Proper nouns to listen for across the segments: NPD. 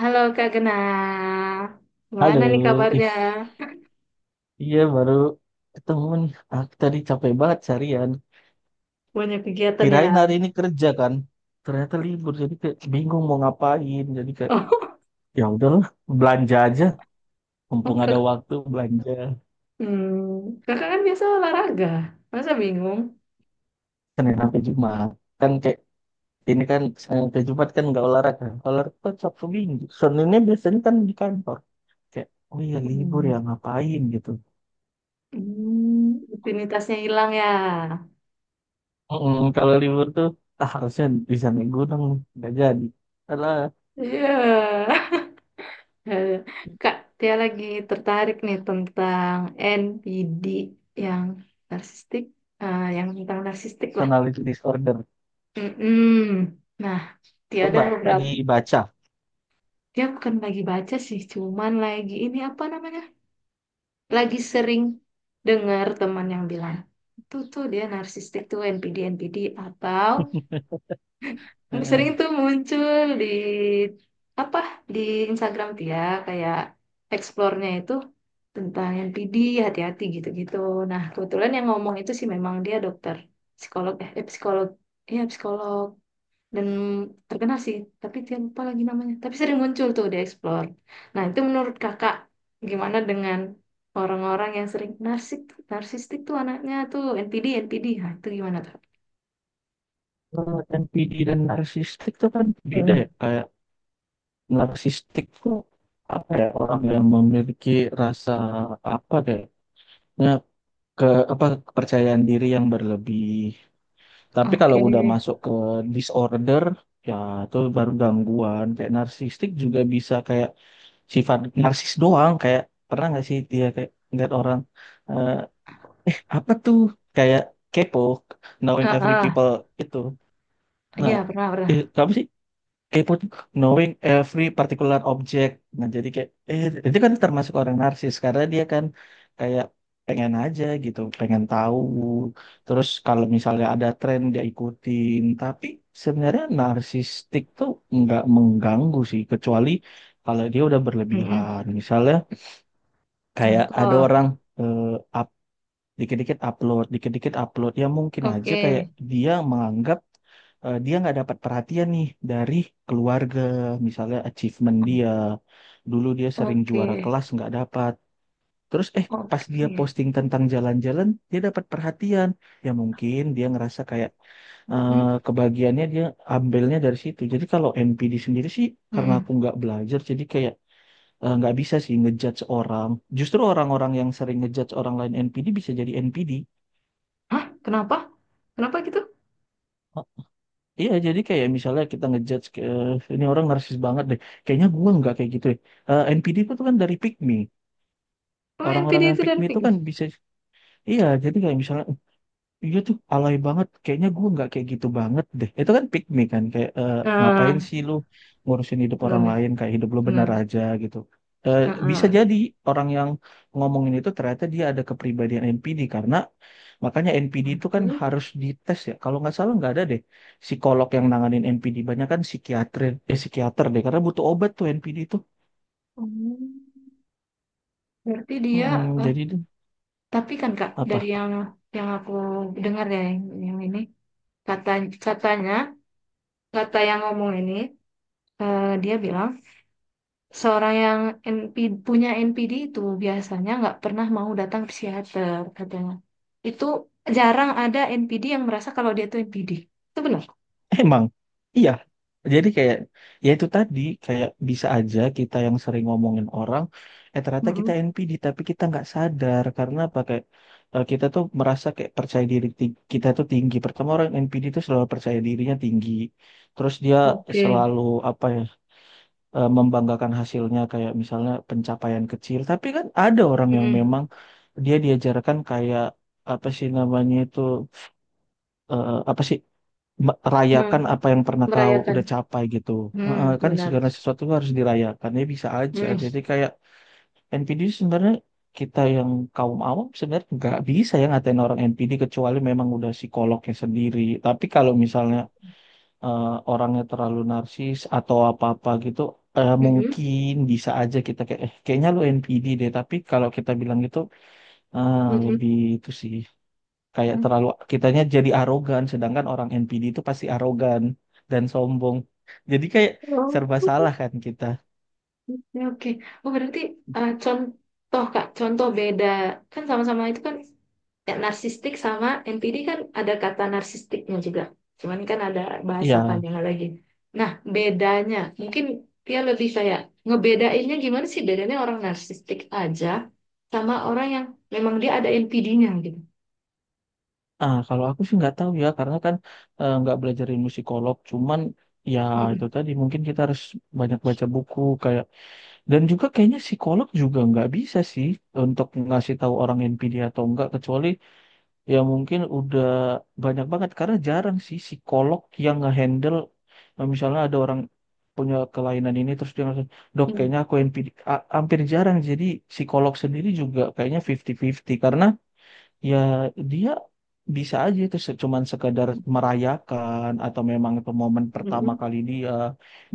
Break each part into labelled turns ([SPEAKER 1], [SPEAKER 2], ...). [SPEAKER 1] Halo Kak Gena,
[SPEAKER 2] Halo,
[SPEAKER 1] gimana nih
[SPEAKER 2] ih,
[SPEAKER 1] kabarnya?
[SPEAKER 2] iya baru ketemu nih. Ah, tadi capek banget seharian.
[SPEAKER 1] Banyak kegiatan ya?
[SPEAKER 2] Kirain hari ini kerja kan, ternyata libur jadi kayak bingung mau ngapain. Jadi kayak
[SPEAKER 1] Oh,
[SPEAKER 2] ya udahlah belanja aja, mumpung
[SPEAKER 1] oh, kak,
[SPEAKER 2] ada waktu belanja
[SPEAKER 1] kakak kan biasa olahraga, masa bingung?
[SPEAKER 2] Senin sampai Jumat. Kan kayak ini kan Senin sampai Jumat kan nggak olahraga, olahraga kan Sabtu Minggu. Seninnya biasanya kan di kantor. Kayak oh iya libur
[SPEAKER 1] Hmm,
[SPEAKER 2] ya ngapain gitu.
[SPEAKER 1] rutinitasnya hilang ya?
[SPEAKER 2] Kalau libur tuh ah, harusnya di sana gunung nggak jadi. Karena
[SPEAKER 1] Iya. Eh, Kak, dia lagi tertarik nih tentang NPD yang narsistik, eh, yang tentang narsistik lah.
[SPEAKER 2] personality disorder.
[SPEAKER 1] Mm-mm. Nah, dia
[SPEAKER 2] Oh,
[SPEAKER 1] ada
[SPEAKER 2] Mbak,
[SPEAKER 1] beberapa,
[SPEAKER 2] lagi baca.
[SPEAKER 1] dia bukan lagi baca sih, cuman lagi ini apa namanya? Lagi sering dengar teman yang bilang, itu tuh dia narsistik tuh NPD NPD atau sering
[SPEAKER 2] Heeh.
[SPEAKER 1] tuh muncul di apa di Instagram dia, kayak explore-nya itu tentang NPD, hati-hati gitu-gitu. Nah, kebetulan yang ngomong itu sih memang dia dokter psikolog, psikolog. Iya, psikolog, dan terkenal sih, tapi dia lupa lagi namanya, tapi sering muncul tuh di Explore. Nah, itu menurut kakak gimana dengan orang-orang yang sering narsistik, tuh anaknya tuh NPD NPD, nah itu gimana tuh?
[SPEAKER 2] Kalau NPD dan narsistik itu kan beda ya.
[SPEAKER 1] Mm.
[SPEAKER 2] Kayak narsistik tuh apa ya orang yang memiliki rasa apa deh, ya, ke apa kepercayaan diri yang berlebih. Tapi kalau
[SPEAKER 1] Oke.
[SPEAKER 2] udah masuk ke disorder, ya itu baru gangguan. Kayak narsistik juga bisa kayak sifat narsis doang. Kayak pernah nggak sih dia kayak ngeliat orang eh, apa tuh kayak kepo, knowing
[SPEAKER 1] Ah,
[SPEAKER 2] every people
[SPEAKER 1] ah.
[SPEAKER 2] itu.
[SPEAKER 1] Iya,
[SPEAKER 2] Nah,
[SPEAKER 1] pernah, pernah.
[SPEAKER 2] apa sih? Kepo tuh knowing every particular object. Nah, jadi kayak itu kan termasuk orang narsis karena dia kan kayak pengen aja gitu, pengen tahu. Terus kalau misalnya ada tren dia ikutin, tapi sebenarnya narsistik tuh nggak mengganggu sih kecuali kalau dia udah
[SPEAKER 1] Mm-mm.
[SPEAKER 2] berlebihan. Misalnya kayak ada
[SPEAKER 1] Contoh.
[SPEAKER 2] orang eh, dikit-dikit upload, dikit-dikit upload. Ya mungkin aja
[SPEAKER 1] Oke.
[SPEAKER 2] kayak dia menganggap dia nggak dapat perhatian nih dari keluarga, misalnya achievement dia. Dulu dia sering juara
[SPEAKER 1] Oke.
[SPEAKER 2] kelas nggak dapat. Terus pas dia
[SPEAKER 1] Oke.
[SPEAKER 2] posting tentang jalan-jalan, dia dapat perhatian. Ya mungkin dia ngerasa kayak eh,
[SPEAKER 1] Mm.
[SPEAKER 2] kebagiannya dia ambilnya dari situ. Jadi kalau NPD sendiri sih karena
[SPEAKER 1] Mm-mm.
[SPEAKER 2] aku nggak belajar, jadi kayak nggak bisa sih ngejudge orang. Justru orang-orang yang sering ngejudge orang lain NPD bisa jadi NPD.
[SPEAKER 1] Hah? Kenapa? Kenapa gitu?
[SPEAKER 2] Iya, jadi kayak misalnya kita ngejudge ke ini orang narsis banget deh. Kayaknya gua nggak kayak gitu ya. Eh, NPD itu tuh kan dari pick me.
[SPEAKER 1] Oh, NPD
[SPEAKER 2] Orang-orang yang
[SPEAKER 1] itu
[SPEAKER 2] pick me
[SPEAKER 1] dan
[SPEAKER 2] itu
[SPEAKER 1] Pink.
[SPEAKER 2] kan bisa iya, jadi kayak misalnya iya tuh, alay banget. Kayaknya gue nggak kayak gitu banget deh. Itu kan pick me kan, kayak eh, ngapain
[SPEAKER 1] Ah,
[SPEAKER 2] sih lu ngurusin hidup orang
[SPEAKER 1] benar.
[SPEAKER 2] lain, kayak hidup lu benar
[SPEAKER 1] Benar.
[SPEAKER 2] aja gitu. Eh,
[SPEAKER 1] Ah,
[SPEAKER 2] bisa
[SPEAKER 1] ah.
[SPEAKER 2] jadi orang yang ngomongin itu ternyata dia ada kepribadian NPD karena makanya NPD itu kan
[SPEAKER 1] Satu.
[SPEAKER 2] harus dites ya. Kalau nggak salah nggak ada deh psikolog yang nanganin NPD. Banyak kan psikiater, eh, psikiater deh karena butuh obat tuh NPD itu.
[SPEAKER 1] Oh. Berarti dia,
[SPEAKER 2] Mm-mm,
[SPEAKER 1] eh,
[SPEAKER 2] jadi deh,
[SPEAKER 1] tapi kan Kak, dari
[SPEAKER 2] apa?
[SPEAKER 1] yang aku dengar ya, yang ini, kata katanya, kata yang ngomong ini, eh, dia bilang seorang yang NP, punya NPD itu biasanya nggak pernah mau datang ke psikiater katanya. Itu jarang ada NPD yang merasa kalau dia tuh NPD. Itu benar.
[SPEAKER 2] Emang, iya. Jadi kayak, ya itu tadi, kayak bisa aja kita yang sering ngomongin orang, eh ternyata kita
[SPEAKER 1] Mm-mm.
[SPEAKER 2] NPD, tapi kita nggak sadar. Karena apa? Kayak, kita tuh merasa kayak percaya diri kita tuh tinggi. Pertama orang NPD tuh selalu percaya dirinya tinggi. Terus dia
[SPEAKER 1] Oke.
[SPEAKER 2] selalu, apa ya, membanggakan hasilnya kayak misalnya pencapaian kecil. Tapi kan ada orang yang
[SPEAKER 1] Mm-mm.
[SPEAKER 2] memang dia diajarkan kayak, apa sih namanya itu, apa sih
[SPEAKER 1] Mm.
[SPEAKER 2] rayakan apa yang pernah kau
[SPEAKER 1] Merayakan.
[SPEAKER 2] udah capai gitu.
[SPEAKER 1] Hmm,
[SPEAKER 2] Heeh, kan
[SPEAKER 1] benar.
[SPEAKER 2] segala sesuatu tuh harus dirayakan ya bisa aja.
[SPEAKER 1] Hmm.
[SPEAKER 2] Jadi kayak NPD sebenarnya kita yang kaum awam sebenarnya nggak bisa ya ngatain orang NPD kecuali memang udah psikolognya sendiri. Tapi kalau misalnya orangnya terlalu narsis atau apa-apa gitu,
[SPEAKER 1] Mm-mm.
[SPEAKER 2] mungkin bisa aja kita kayak eh, kayaknya lu NPD deh. Tapi kalau kita bilang gitu, ah, lebih itu sih kayak
[SPEAKER 1] Mm-mm.
[SPEAKER 2] terlalu kitanya jadi arogan sedangkan orang NPD itu pasti arogan dan sombong jadi kayak serba salah kan kita
[SPEAKER 1] Oke, oke. Oh, berarti, contoh, Kak, contoh beda. Kan sama-sama itu kan ya, narsistik sama NPD kan ada kata narsistiknya juga. Cuman kan ada bahasa
[SPEAKER 2] ya
[SPEAKER 1] panjang lagi. Nah, bedanya mungkin dia lebih kayak, ngebedainnya gimana sih bedanya orang narsistik aja sama orang yang memang dia ada NPD-nya gitu.
[SPEAKER 2] ah kalau aku sih nggak tahu ya karena kan nggak belajar ilmu psikolog cuman ya itu
[SPEAKER 1] Mm-mm.
[SPEAKER 2] tadi mungkin kita harus banyak baca buku kayak dan juga kayaknya psikolog juga nggak bisa sih untuk ngasih tahu orang NPD atau enggak kecuali ya mungkin udah banyak banget karena jarang sih psikolog yang ngehandle misalnya ada orang punya kelainan ini terus dia langsung dok kayaknya aku NPD hampir jarang jadi psikolog sendiri juga kayaknya 50-50 karena ya dia bisa aja itu cuman sekadar merayakan atau memang itu momen pertama
[SPEAKER 1] Mm-mm.
[SPEAKER 2] kali dia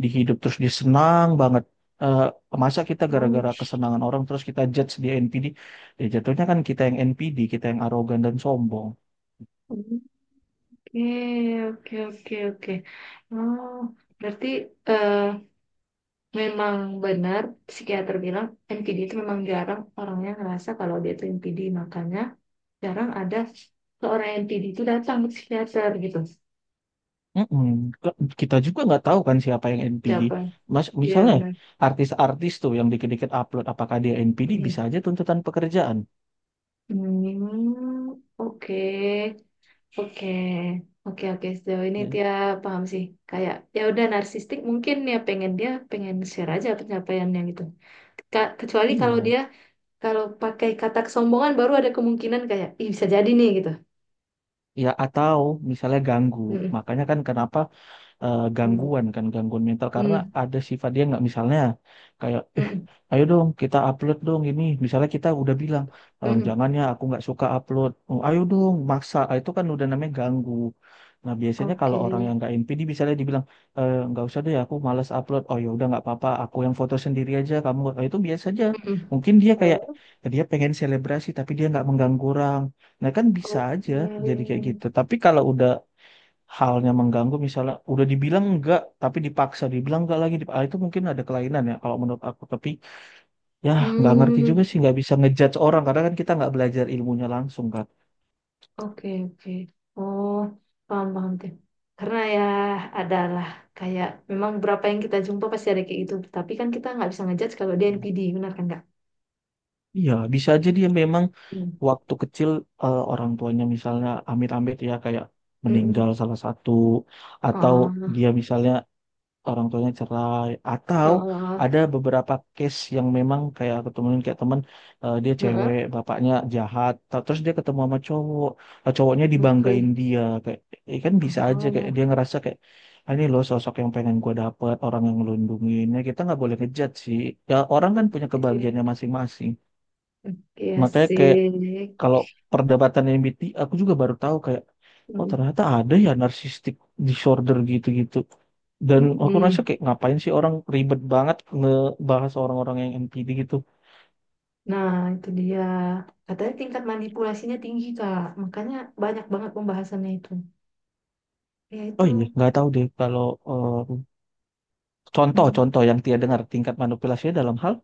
[SPEAKER 2] di hidup terus dia senang banget. Eh, masa kita
[SPEAKER 1] Oh,
[SPEAKER 2] gara-gara kesenangan orang terus kita judge dia NPD ya jatuhnya kan kita yang NPD kita yang arogan dan sombong.
[SPEAKER 1] oke, oke, oke, oke. Oh, berarti eh, memang benar psikiater bilang NPD itu memang jarang orangnya ngerasa kalau dia itu NPD, makanya jarang ada seorang NPD itu datang ke psikiater gitu.
[SPEAKER 2] Mm-mm. Ke- Kita juga nggak tahu kan siapa yang NPD.
[SPEAKER 1] Siapa.
[SPEAKER 2] Mas,
[SPEAKER 1] Iya,
[SPEAKER 2] misalnya
[SPEAKER 1] benar.
[SPEAKER 2] artis-artis tuh yang dikit-dikit upload, apakah dia NPD bisa
[SPEAKER 1] Mhm.
[SPEAKER 2] aja tuntutan pekerjaan.
[SPEAKER 1] Oke, oke, oke, oke, sejauh ini
[SPEAKER 2] Ya,
[SPEAKER 1] dia paham sih, kayak ya udah narsistik mungkin ya, pengen dia pengen share aja pencapaiannya gitu. Kecuali kalau
[SPEAKER 2] iya.
[SPEAKER 1] dia kalau pakai kata kesombongan baru ada kemungkinan, kayak Ih, bisa jadi nih gitu.
[SPEAKER 2] Ya atau misalnya ganggu. Makanya kan kenapa
[SPEAKER 1] Mm-mm.
[SPEAKER 2] gangguan kan gangguan mental karena
[SPEAKER 1] Hmm,
[SPEAKER 2] ada sifat dia nggak misalnya kayak eh
[SPEAKER 1] mm,
[SPEAKER 2] ayo dong kita upload dong ini misalnya kita udah bilang
[SPEAKER 1] mm,
[SPEAKER 2] "Em,
[SPEAKER 1] mm.
[SPEAKER 2] jangan ya aku nggak suka upload." Oh, ayo dong maksa. Ah, itu kan udah namanya ganggu nah biasanya
[SPEAKER 1] Oke.
[SPEAKER 2] kalau orang yang nggak NPD misalnya dibilang "Eh, nggak usah deh aku malas upload." Oh ya udah nggak apa-apa aku yang foto sendiri aja kamu. Ah, itu biasa aja
[SPEAKER 1] Mm,
[SPEAKER 2] mungkin dia kayak
[SPEAKER 1] oh.
[SPEAKER 2] dia pengen selebrasi tapi dia nggak mengganggu orang. Nah kan bisa aja
[SPEAKER 1] Oke.
[SPEAKER 2] jadi kayak gitu. Tapi kalau udah halnya mengganggu misalnya udah dibilang enggak tapi dipaksa dibilang enggak lagi ah, itu mungkin ada kelainan ya kalau menurut aku tapi ya nggak ngerti juga
[SPEAKER 1] Hmm,
[SPEAKER 2] sih nggak bisa ngejudge orang karena kan kita nggak belajar ilmunya langsung kan
[SPEAKER 1] oke, oke. Oh, paham, paham deh. Karena ya adalah, kayak memang berapa yang kita jumpa pasti ada kayak gitu. Tapi kan kita nggak bisa ngejudge kalau dia NPD, benar kan nggak?
[SPEAKER 2] iya bisa aja dia memang
[SPEAKER 1] Hmm.
[SPEAKER 2] waktu kecil orang tuanya misalnya amit-amit ya kayak
[SPEAKER 1] Mm-mm.
[SPEAKER 2] meninggal salah satu atau
[SPEAKER 1] Ah,
[SPEAKER 2] dia misalnya orang tuanya cerai
[SPEAKER 1] ah,
[SPEAKER 2] atau ada
[SPEAKER 1] ah.
[SPEAKER 2] beberapa case yang memang kayak aku temuin kayak temen dia cewek
[SPEAKER 1] Mm.
[SPEAKER 2] bapaknya jahat terus dia ketemu sama cowok cowoknya dibanggain
[SPEAKER 1] Oke.
[SPEAKER 2] dia kayak kan bisa aja kayak
[SPEAKER 1] Ah,
[SPEAKER 2] dia ngerasa kayak "Ah, ini loh sosok yang pengen gue dapet orang yang ngelindungin." Ya kita nggak boleh ngejat sih ya orang kan punya
[SPEAKER 1] oke.
[SPEAKER 2] kebahagiaannya masing-masing
[SPEAKER 1] Oke,
[SPEAKER 2] makanya kayak
[SPEAKER 1] asik.
[SPEAKER 2] kalau perdebatan MBTI aku juga baru tahu kayak oh
[SPEAKER 1] Mm-mm.
[SPEAKER 2] ternyata ada ya narcissistic disorder gitu-gitu dan aku rasa
[SPEAKER 1] Mm-mm.
[SPEAKER 2] kayak ngapain sih orang ribet banget ngebahas orang-orang yang NPD gitu
[SPEAKER 1] Nah, itu dia. Katanya tingkat manipulasinya tinggi, Kak. Makanya banyak banget pembahasannya itu. Ya,
[SPEAKER 2] oh iya
[SPEAKER 1] itu.
[SPEAKER 2] nggak tahu deh kalau eh,
[SPEAKER 1] Hmm,
[SPEAKER 2] contoh-contoh yang dia dengar tingkat manipulasinya dalam hal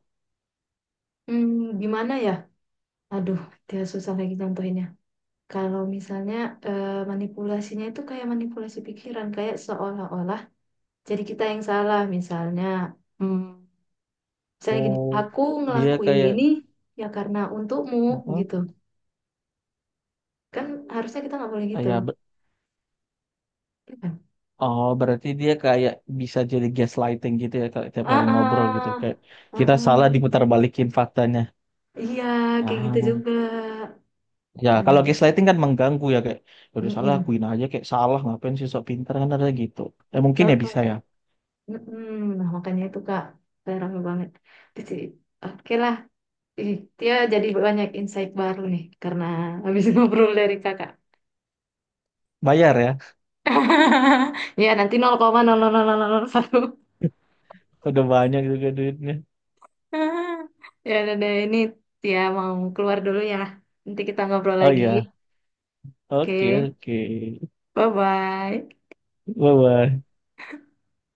[SPEAKER 1] Hmm, gimana ya? Aduh, dia susah lagi contohinnya. Kalau misalnya manipulasinya itu kayak manipulasi pikiran. Kayak seolah-olah jadi kita yang salah. Misalnya, hmm, misalnya gini,
[SPEAKER 2] oh
[SPEAKER 1] aku
[SPEAKER 2] dia
[SPEAKER 1] ngelakuin
[SPEAKER 2] kayak
[SPEAKER 1] ini ya karena untukmu,
[SPEAKER 2] "Mm-mm,"
[SPEAKER 1] gitu. Kan harusnya kita nggak boleh
[SPEAKER 2] ah,
[SPEAKER 1] gitu.
[SPEAKER 2] ya
[SPEAKER 1] Ya kan?
[SPEAKER 2] oh berarti dia kayak bisa jadi gaslighting gitu ya kalau tiap
[SPEAKER 1] Ah,
[SPEAKER 2] hari ngobrol gitu
[SPEAKER 1] ah,
[SPEAKER 2] kayak
[SPEAKER 1] ah,
[SPEAKER 2] kita salah
[SPEAKER 1] ah.
[SPEAKER 2] diputar balikin faktanya
[SPEAKER 1] Iya, kayak gitu
[SPEAKER 2] ah
[SPEAKER 1] juga.
[SPEAKER 2] ya,
[SPEAKER 1] Makanya.
[SPEAKER 2] kalau gaslighting kan mengganggu ya kayak "Ya udah salah
[SPEAKER 1] Mm-mm.
[SPEAKER 2] akuin aja kayak salah ngapain sih sok pintar," kan ada gitu. Ya mungkin
[SPEAKER 1] Nah,
[SPEAKER 2] ya bisa ya.
[SPEAKER 1] mm-mm. Nah, makanya itu Kak, saya rame banget. Di sini. Oke lah, Ih, dia jadi banyak insight baru nih karena habis ngobrol dari kakak.
[SPEAKER 2] Bayar ya.
[SPEAKER 1] Ya nanti 0,00001.
[SPEAKER 2] Udah banyak juga duitnya.
[SPEAKER 1] Ya udah deh, ini Tia mau keluar dulu ya. Nanti kita ngobrol
[SPEAKER 2] Oh
[SPEAKER 1] lagi.
[SPEAKER 2] iya. Oke,
[SPEAKER 1] Oke,
[SPEAKER 2] oke.
[SPEAKER 1] bye-bye.
[SPEAKER 2] Bye bye.